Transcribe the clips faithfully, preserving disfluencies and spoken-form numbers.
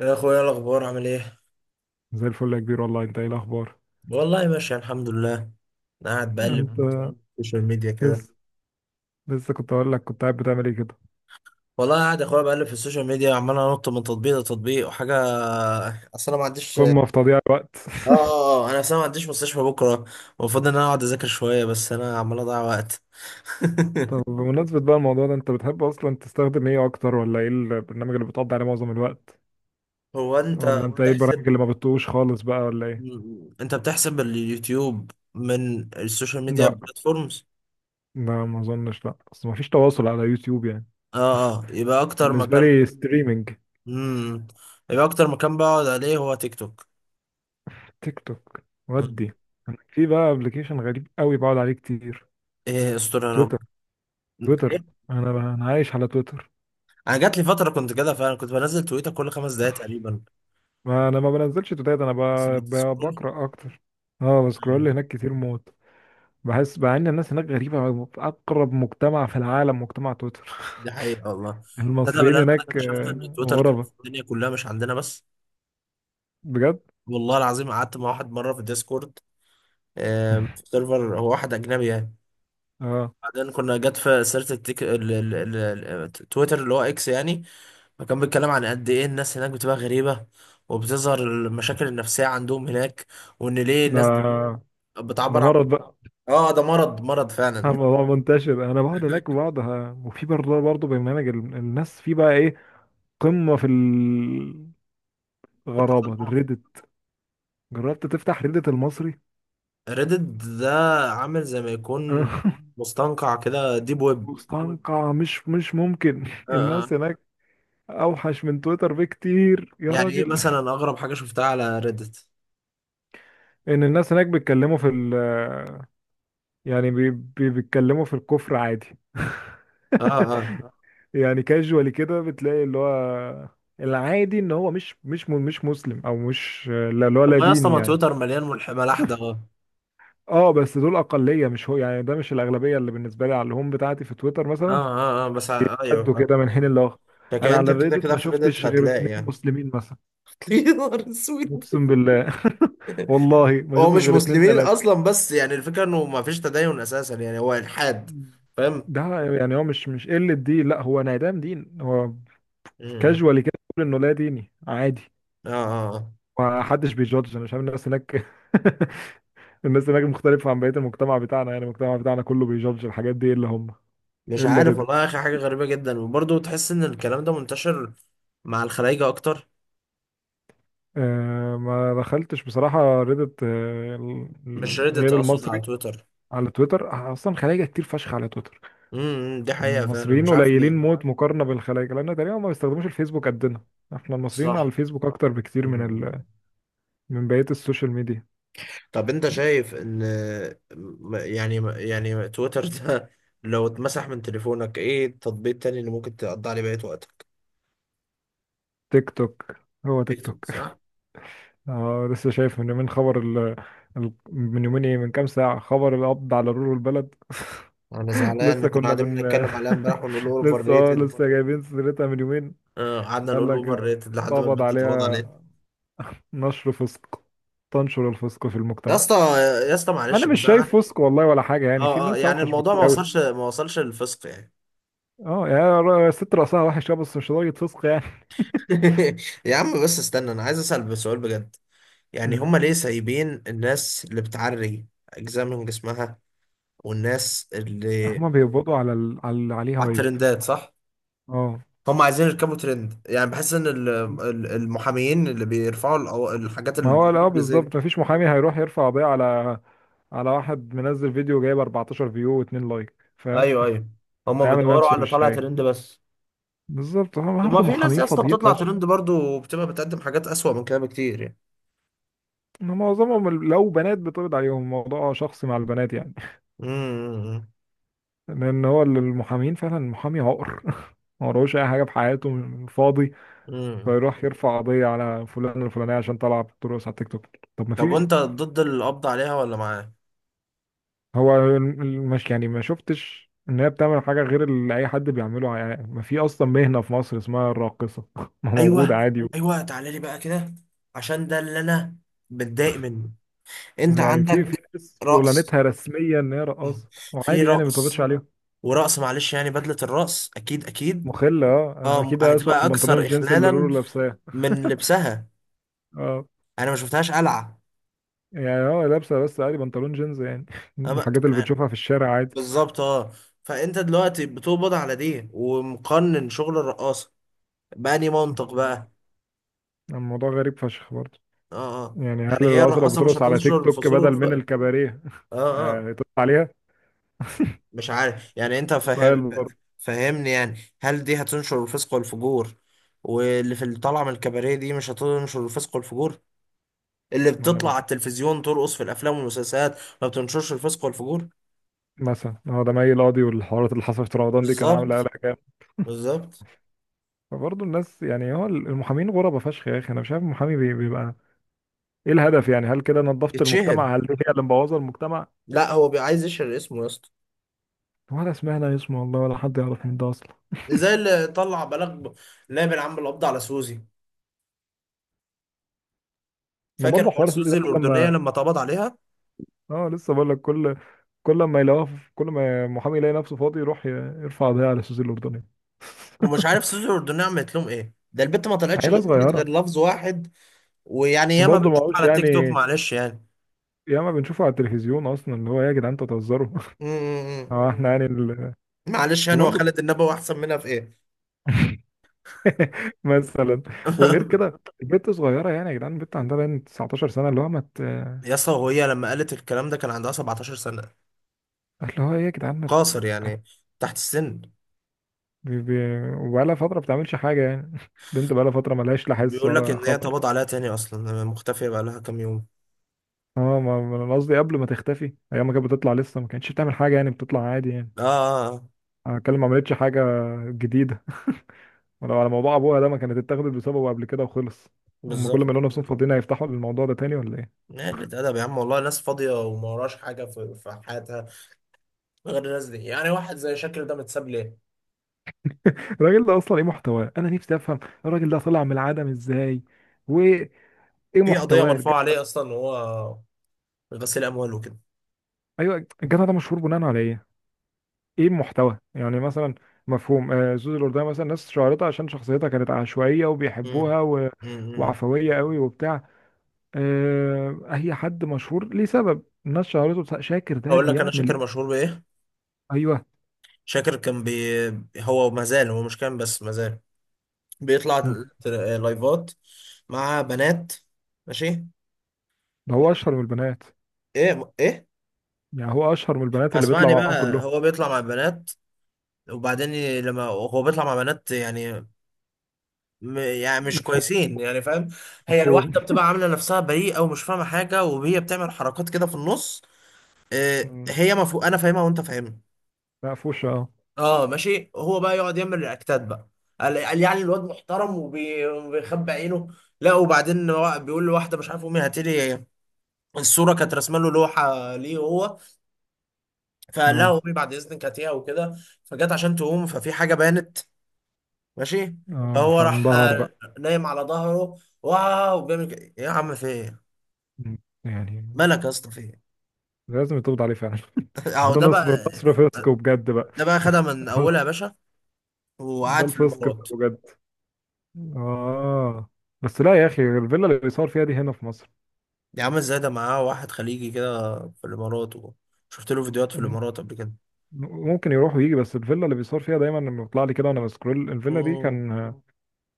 يا اخويا، إيه الاخبار؟ عامل ايه؟ زي الفل يا كبير، والله انت ايه الاخبار؟ والله ماشي، الحمد لله. انا قاعد انت الحمد بقلب في لله السوشيال ميديا كله. كده. لسه لسه كنت اقول لك، كنت قاعد بتعمل ايه كده؟ والله قاعد يا اخويا بقلب في السوشيال ميديا، عمال انط من تطبيق لتطبيق وحاجه. اصل انا ما عنديش اه قمة في تضييع الوقت. اه آه، آه، انا اصلا ما عنديش مستشفى بكره. المفروض ان انا اقعد اذاكر شويه، بس انا عمال اضيع وقت. طب بمناسبة بقى الموضوع ده، انت بتحب اصلا تستخدم ايه اكتر، ولا ايه البرنامج اللي بتقضي عليه معظم الوقت؟ هو انت ولا انت ايه والله، البرامج بتحسب اللي ما بتطوش خالص بقى، ولا ايه؟ انت بتحسب اليوتيوب من السوشيال ميديا لا، بلاتفورمز؟ لا ما اظنش، لا اصل ما فيش تواصل على يوتيوب يعني. اه اه يبقى اكتر بالنسبة مكان لي بالظبط ستريمينج. امم يبقى اكتر مكان بقعد عليه هو تيك توك. تيك توك ودي. انا في بقى ابلكيشن غريب قوي بقعد عليه كتير. ايه استر يا رب؟ تويتر. تويتر. إيه؟ انا بقى انا عايش على تويتر. انا جات لي فتره كنت كده فعلا، كنت بنزل تويتر كل خمس دقايق تقريبا. ما انا ما بنزلش توتات، انا ب... بس ب... بتسكرول. بقرا اكتر. اه، بسكرول مم. هناك كتير موت. بحس مع ان الناس هناك غريبه، في اقرب مجتمع في العالم مجتمع تويتر. دي حقيقه والله. تصدق بالله المصريين إن انا هناك اكتشفت ان آه، تويتر كده غربه. في الدنيا كلها، مش عندنا بس؟ بجد. والله العظيم قعدت مع واحد مره في الديسكورد. آم، في سيرفر، هو واحد اجنبي يعني. اه، بعدين كنا جت في سيره التيك... ال... ال... ال... ال- تويتر اللي هو اكس يعني. فكان بيتكلم عن قد ايه الناس هناك بتبقى غريبه، وبتظهر المشاكل النفسيه عندهم هناك، وان ليه الناس ده ده بتعبر عن... مرض بقى. اه، ده مرض مرض فعلا. الموضوع منتشر، انا بقعد هناك بقعد ه- وفي برضه برضه برنامج ال- الناس في بقى ايه؟ قمه في في الغرابه، التصنع. الريدت. جربت تفتح ريدت المصري؟ ريدد ده عامل زي ما يكون مستنقع كده، ديب ويب. مستنقع، مش مش ممكن. آه، الناس آه. هناك اوحش من تويتر بكتير يا يعني ايه راجل. مثلا اغرب حاجه شفتها على ريدت؟ ان الناس هناك بيتكلموا في ال يعني بي بي بيتكلموا في الكفر عادي. اه، اه. يعني كاجوالي كده، بتلاقي اللي هو العادي ان هو مش مش م- مش مسلم، او مش، لا، اللي هو طب لا ما يا اسطى، ديني ما يعني. تويتر مليان ملح ملاح ده اه اه، بس دول اقليه، مش هو يعني، ده مش الاغلبيه اللي بالنسبه لي على الهوم بتاعتي في تويتر اه، مثلا. اه، آه، بس ع- ايوه، بيقدوا آه. كده من حين لاخر. لكن انا على انت كده الريدت كده ما في ريدت شفتش غير هتلاقي اتنين يعني. مسلمين مثلا. يا نهار اسود! اقسم بالله. والله ما هو شفتش مش غير اتنين مسلمين تلاته. اصلا، بس يعني الفكره انه ما فيش تدين اساسا، يعني هو الحاد. فاهم؟ ده يعني هو مش مش قلة دين، لا، هو انعدام دين هو. م- م. كاجوالي كده بيقول انه لا ديني عادي. اه، اه، ومحدش بيجادج، انا مش عارف الناس هناك. الناس هناك مختلفة عن بقية المجتمع بتاعنا، يعني المجتمع بتاعنا كله بيجادج الحاجات دي الا هم. مش الا عارف والله يا ريدت. اخي، حاجه غريبه جدا، وبرضه تحس ان الكلام ده منتشر مع الخلايجه اكتر. آه، ما دخلتش بصراحة ريدت، آه ال- مش ال- ريدت، غير اقصد على المصري. تويتر. على تويتر اصلا خلايجة كتير فشخ على تويتر. امم دي حقيقه فعلا، المصريين مش عارف ليه. قليلين موت مقارنة بالخلايجة، لان تقريبا ما بيستخدموش الفيسبوك قدنا. احنا المصريين على صح. الفيسبوك اكتر بكتير من مم. من بقية السوشيال ميديا. طب انت شايف ان م- يعني يعني تويتر ده، لو اتمسح من تليفونك، ايه التطبيق التاني اللي ممكن تقضي عليه بقية وقتك؟ تيك توك. هو تيك تيك توك، توك. صح. اه، لسه شايف من يومين خبر ال... ال... من يومين ايه من كام ساعة خبر القبض على رول البلد. انا زعلان، احنا لسه كنا كنا قاعدين بن بنتكلم عليها امبارح ونقول اوفر لسه اه ريتد. لسه جايبين سيرتها من يومين. آه، قعدنا قال نقول لك اوفر ريتد لحد ما اتقبض البنت اتقبض عليها، عليه. نشر فسق، تنشر الفسق في يا المجتمع. اسطى، يا اسطى انا معلش، مش بس انا... شايف فسق والله ولا حاجة، يعني في اه، اه، ناس يعني اوحش الموضوع بكتير ما قوي. وصلش ما وصلش للفسق يعني. اه، يعني ر- ست رأسها وحش، آه، بس مش لدرجة فسق يعني. يا عم بس استنى، انا عايز اسال بسؤال بجد. يعني مم. هما ليه سايبين الناس اللي بتعري اجزاء من جسمها، والناس اللي هما بيقبضوا على ال... على اللي عليه على هايب. الترندات، صح. اه، هما عايزين يركبوا ترند، يعني بحس ان ال- ال- المحاميين اللي بيرفعوا القوا- الحاجات ما اللي هو لا زي دي. بالظبط، مفيش محامي هيروح يرفع قضية على على واحد منزل فيديو جايب اربعتاشر فيو و2 لايك، فاهم؟ ايوه، ايوه، هما هيعمل بيدوروا على نفسه اللي مش طالع شايف. ترند بس. بالظبط، هم طب ما برضه في ناس محامين يا اسطى فاضيين بتطلع فشخ. ترند برضو، وبتبقى بتقدم حاجات اسوأ من كده بكتير يعني. إن معظمهم ال- لو بنات بتقبض عليهم، الموضوع شخصي مع البنات يعني. امم لان هو ال- المحامين فعلا، المحامي عقر. ما وراهوش اي حاجه في حياته، فاضي، امم، امم. فيروح يرفع قضيه على فلان الفلانيه عشان طلع بترقص على التيك توك. طب ما طب في. وانت ضد القبض عليها ولا معاه؟ هو الم- مش يعني، ما شفتش ان هي بتعمل حاجه غير اللي اي حد بيعمله يعني، ما في اصلا مهنه في مصر اسمها الراقصه. ما موجود ايوه، عادي. ايوه، تعالى لي بقى كده، عشان ده اللي انا متضايق منه. انت يعني في في عندك ناس رقص، شغلانتها رسميا ان هي رقاصه في وعادي يعني، ما تقبضش رقص، عليهم. ورقص معلش، يعني بدلة الرقص اكيد اكيد. مخله، اه آه، اه، اكيد اسوأ هتبقى من بنطلون اكثر الجينز اللي رورو اخلالا لابساه. من لبسها. اه، انا ما شفتهاش قلعة. يعني هو لابسه بس عادي بنطلون جينز يعني. أما... الحاجات اللي آه، بتشوفها في الشارع عادي. بالظبط، اه. فانت دلوقتي بتقبض على دي ومقنن شغل الرقاصة؟ بأني منطق طبعاً. بقى. الموضوع غريب فشخ برضه. اه، اه، يعني هل يعني هي الرقاصه لو الرقاصة مش بترقص على تيك هتنشر توك الفسور بدل من والفقر؟ الكباريه، اه، اه، آه، تقطع عليها؟ مش عارف يعني، انت سؤال فاهم؟ برضه. فاهمني يعني، هل دي هتنشر الفسق والفجور؟ واللي في اللي طالعه من الكباريه دي مش هتنشر الفسق والفجور؟ اللي ما انا بتطلع على مش، التلفزيون ترقص في الافلام والمسلسلات ما بتنشرش الفسق والفجور؟ مثلا هو ده مي القاضي والحوارات اللي حصلت في رمضان دي، كان عامل بالظبط، قلق جامد. بالظبط. فبرضه الناس يعني، هو المحامين غربة فشخ يا اخي، انا مش عارف المحامي بي- بيبقى ايه الهدف يعني؟ هل كده نظفت يتشهر. المجتمع؟ هل دي هي اللي مبوظه المجتمع؟ لا، هو بي- عايز يشهر اسمه يا اسطى. ولا سمعنا اسمه والله، ولا حد يعرف مين ده اصلا. زي اللي طلع بلاغ نائب العم القبض على سوزي. ما فاكر برضه حوار حوار سوزي ده سوزي كل الاردنيه ما، لما اتقبض عليها؟ اه، لسه بقول لك، كل كل ما يلاقوها في- كل ما محامي يلاقي نفسه فاضي يروح ي- يرفع قضيه على سوزي الاردنيه. ومش عارف سوزي الاردنيه عملت لهم ايه، ده البت ما طلعتش عيله غير قالت صغيره. غير لفظ واحد. ويعني ياما وبرضه ما بنشوف هوش على يعني، تيك توك معلش يعني. ياما بنشوفه على التلفزيون اصلا، اللي هو إيه يا جدعان، انتوا بتهزروا. امم اه، احنا يعني ال... معلش يعني، هو فبرضه، خالد النبوي احسن منها في ايه؟ مثلا، وغير كده البنت صغيره يعني، يا جدعان البنت عندها باين تسعتاشر سنه، اللي هو ما مت... يا اسطى، وهي لما قالت الكلام ده كان عندها 17 سنة. اللي هو ايه يا جدعان، ما مت... قاصر مت... يعني، تحت السن. بقالها فتره ما بتعملش حاجه يعني. بنت بقالها فتره ما لهاش لا حس بيقول لك ولا ان هي خبر. اتقبض عليها تاني، اصلا مختفية بقى لها كام يوم. اه، ما ما انا قصدي قبل ما تختفي ايام، ما كانت بتطلع لسه، ما كانتش بتعمل حاجه يعني، بتطلع عادي يعني. اه، آه، آه، انا بتكلم ما عملتش حاجه جديده. ولو على موضوع ابوها ده، ما كانت اتاخدت بسببه قبل كده وخلص. هم كل ما بالظبط. يلاقوا نفسهم فاضيين هيفتحوا الموضوع ده تاني، ولا ايه؟ قلة أدب يا عم والله، ناس فاضية وما وراش حاجة في في حياتها غير الناس دي. يعني واحد زي شاكر ده متساب ليه؟ الراجل ده اصلا ايه محتواه، انا نفسي افهم. الراجل ده طلع من العدم ازاي؟ وايه في قضية محتواه الج... مرفوعة عليه أصلا، وهو غسيل أموال وكده. ايوه، الجدع ده مشهور بناء على ايه؟ ايه المحتوى يعني مثلا؟ مفهوم، آه زوز الاردن مثلا، ناس شهرتها عشان شخصيتها كانت عشوائيه مم. وبيحبوها و... مم، مم، مم. وعفويه قوي وبتاع. آه هي حد مشهور ليه سبب الناس شهرته، بس- شاكر ده هقول لك أنا، بيعمل شاكر إيه؟ مشهور بإيه؟ ايوه. شاكر كان بي... هو ما زال، هو مش كان بس ما زال بيطلع مم. تر- لايفات مع بنات، ماشي. ده هو اشهر من البنات، ايه، ايه. يعني هو اشهر من البنات اللي بيطلع اسمعني معاهم بقى، كلهم. هو بيطلع مع بنات، وبعدين ي- لما هو بيطلع مع بنات يعني م... يعني مش مفهوم. كويسين يعني، فاهم؟ هي مفهوم. الواحده بتبقى عامله نفسها بريئه ومش فاهمه حاجه، وهي بتعمل حركات كده في النص. إيه مم. هي؟ مفهوم، انا فاهمها وانت فاهمها. مقفوشه، اه. اه ماشي، هو بقى يقعد يعمل رياكتات بقى. قال قال يعني الواد محترم وبي- وبيخبي عينه. لا، وبعدين هو بيقول لواحده مش عارف، امي هاتي لي الصوره، كانت رسمه له لوحه ليه هو، فقال اه. لها امي بعد اذنك هاتيها وكده. فجت عشان تقوم، ففي حاجه بانت، ماشي. اه، فهو راح فانبهر آه، بقى. نايم على ظهره، واو بيعمل كده يا عم، في ايه؟ مم. يعني مالك يا اسطى، في ايه؟ لازم يتقبض عليه فعلا. هو اهو ده ده نصر بقى. نصر فسق بجد بقى. ده بقى خدها من اولها يا باشا، ده وقعد في الفسق مم. الامارات. بقى بجد. اه. بس لا يا اخي، الفيلا اللي بيصور فيها دي هنا في مصر. دي عامل زي ده معاه واحد خليجي كده في الامارات و- شفت له فيديوهات في م- الامارات قبل كده. ممكن يروح ويجي، بس الفيلا اللي بيصور فيها دايما لما بيطلع لي كده وانا بسكرول، الفيلا دي امم. كان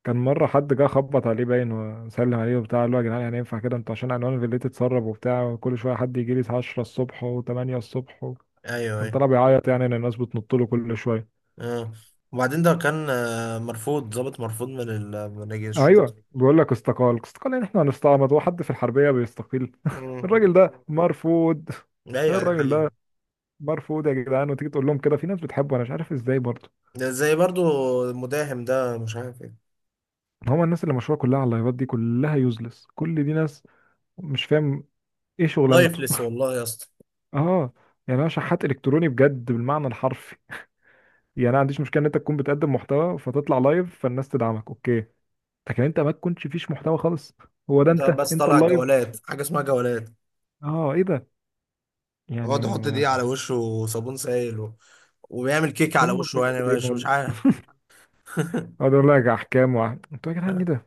كان مره حد جه خبط عليه باين وسلم عليه وبتاع، قال له يا جدعان يعني ينفع كده انتوا، عشان عنوان الفيلا تتسرب وبتاع وكل شويه حد يجي لي عشرة الصبح و8 الصبح و... ايوه، كان ايوه، طلع بيعيط يعني ان الناس بتنط له كل شويه. اه، وبعدين ده كان آه، مرفوض، ضابط مرفوض من ال من رجال الشرطه. ايوه بيقول لك استقال استقال يعني، احنا هنستعمد وحد في الحربيه بيستقيل. امم. الراجل ده مرفوض. ايوه ده الراجل حقيقي. ده مرفوض يا جدعان، وتيجي تقول لهم كده في ناس بتحبه، انا مش عارف ازاي برضه. ده زي برضو المداهم ده، مش عارف ايه. هما الناس اللي مشهوره كلها على اللايفات دي كلها يوزلس، كل دي ناس مش فاهم ايه شغلانته. لايفلس والله يا اسطى. اه، يعني انا شحات الكتروني بجد بالمعنى الحرفي. يعني انا ما عنديش مشكله ان انت تكون بتقدم محتوى فتطلع لايف فالناس تدعمك، اوكي. لكن انت ما تكونش فيش محتوى خالص، هو ده انت انت بس انت طالع اللايف. جولات، حاجه اسمها جولات، اه، ايه ده؟ يعني يقعد يحط ما دي على وشه وصابون سائل و... وبيعمل كيك على قمه وشه يعني، مش بجد. مش عارف. اقعد اقول لك احكام وع... انتوا يا جدعان ايه ده؟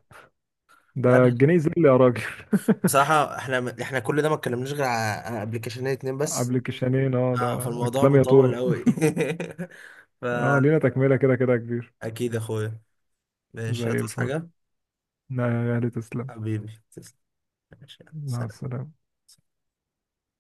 ده لا، الجنيه زل يا راجل. بصراحة احنا احنا كل ده ما اتكلمناش غير على على ابلكيشنين اتنين بس. قبل كيشانين، اه اه، ده ده فالموضوع الكلام مطول يطول. قوي. اه، لينا تكملة كده كده يا كبير. فأكيد يا اخويا، ماشي زي هتصحى الفل. حاجة. لا يا اهلي، تسلم. حبيبي تسلم. ماشي يلا، مع سلام. السلامة.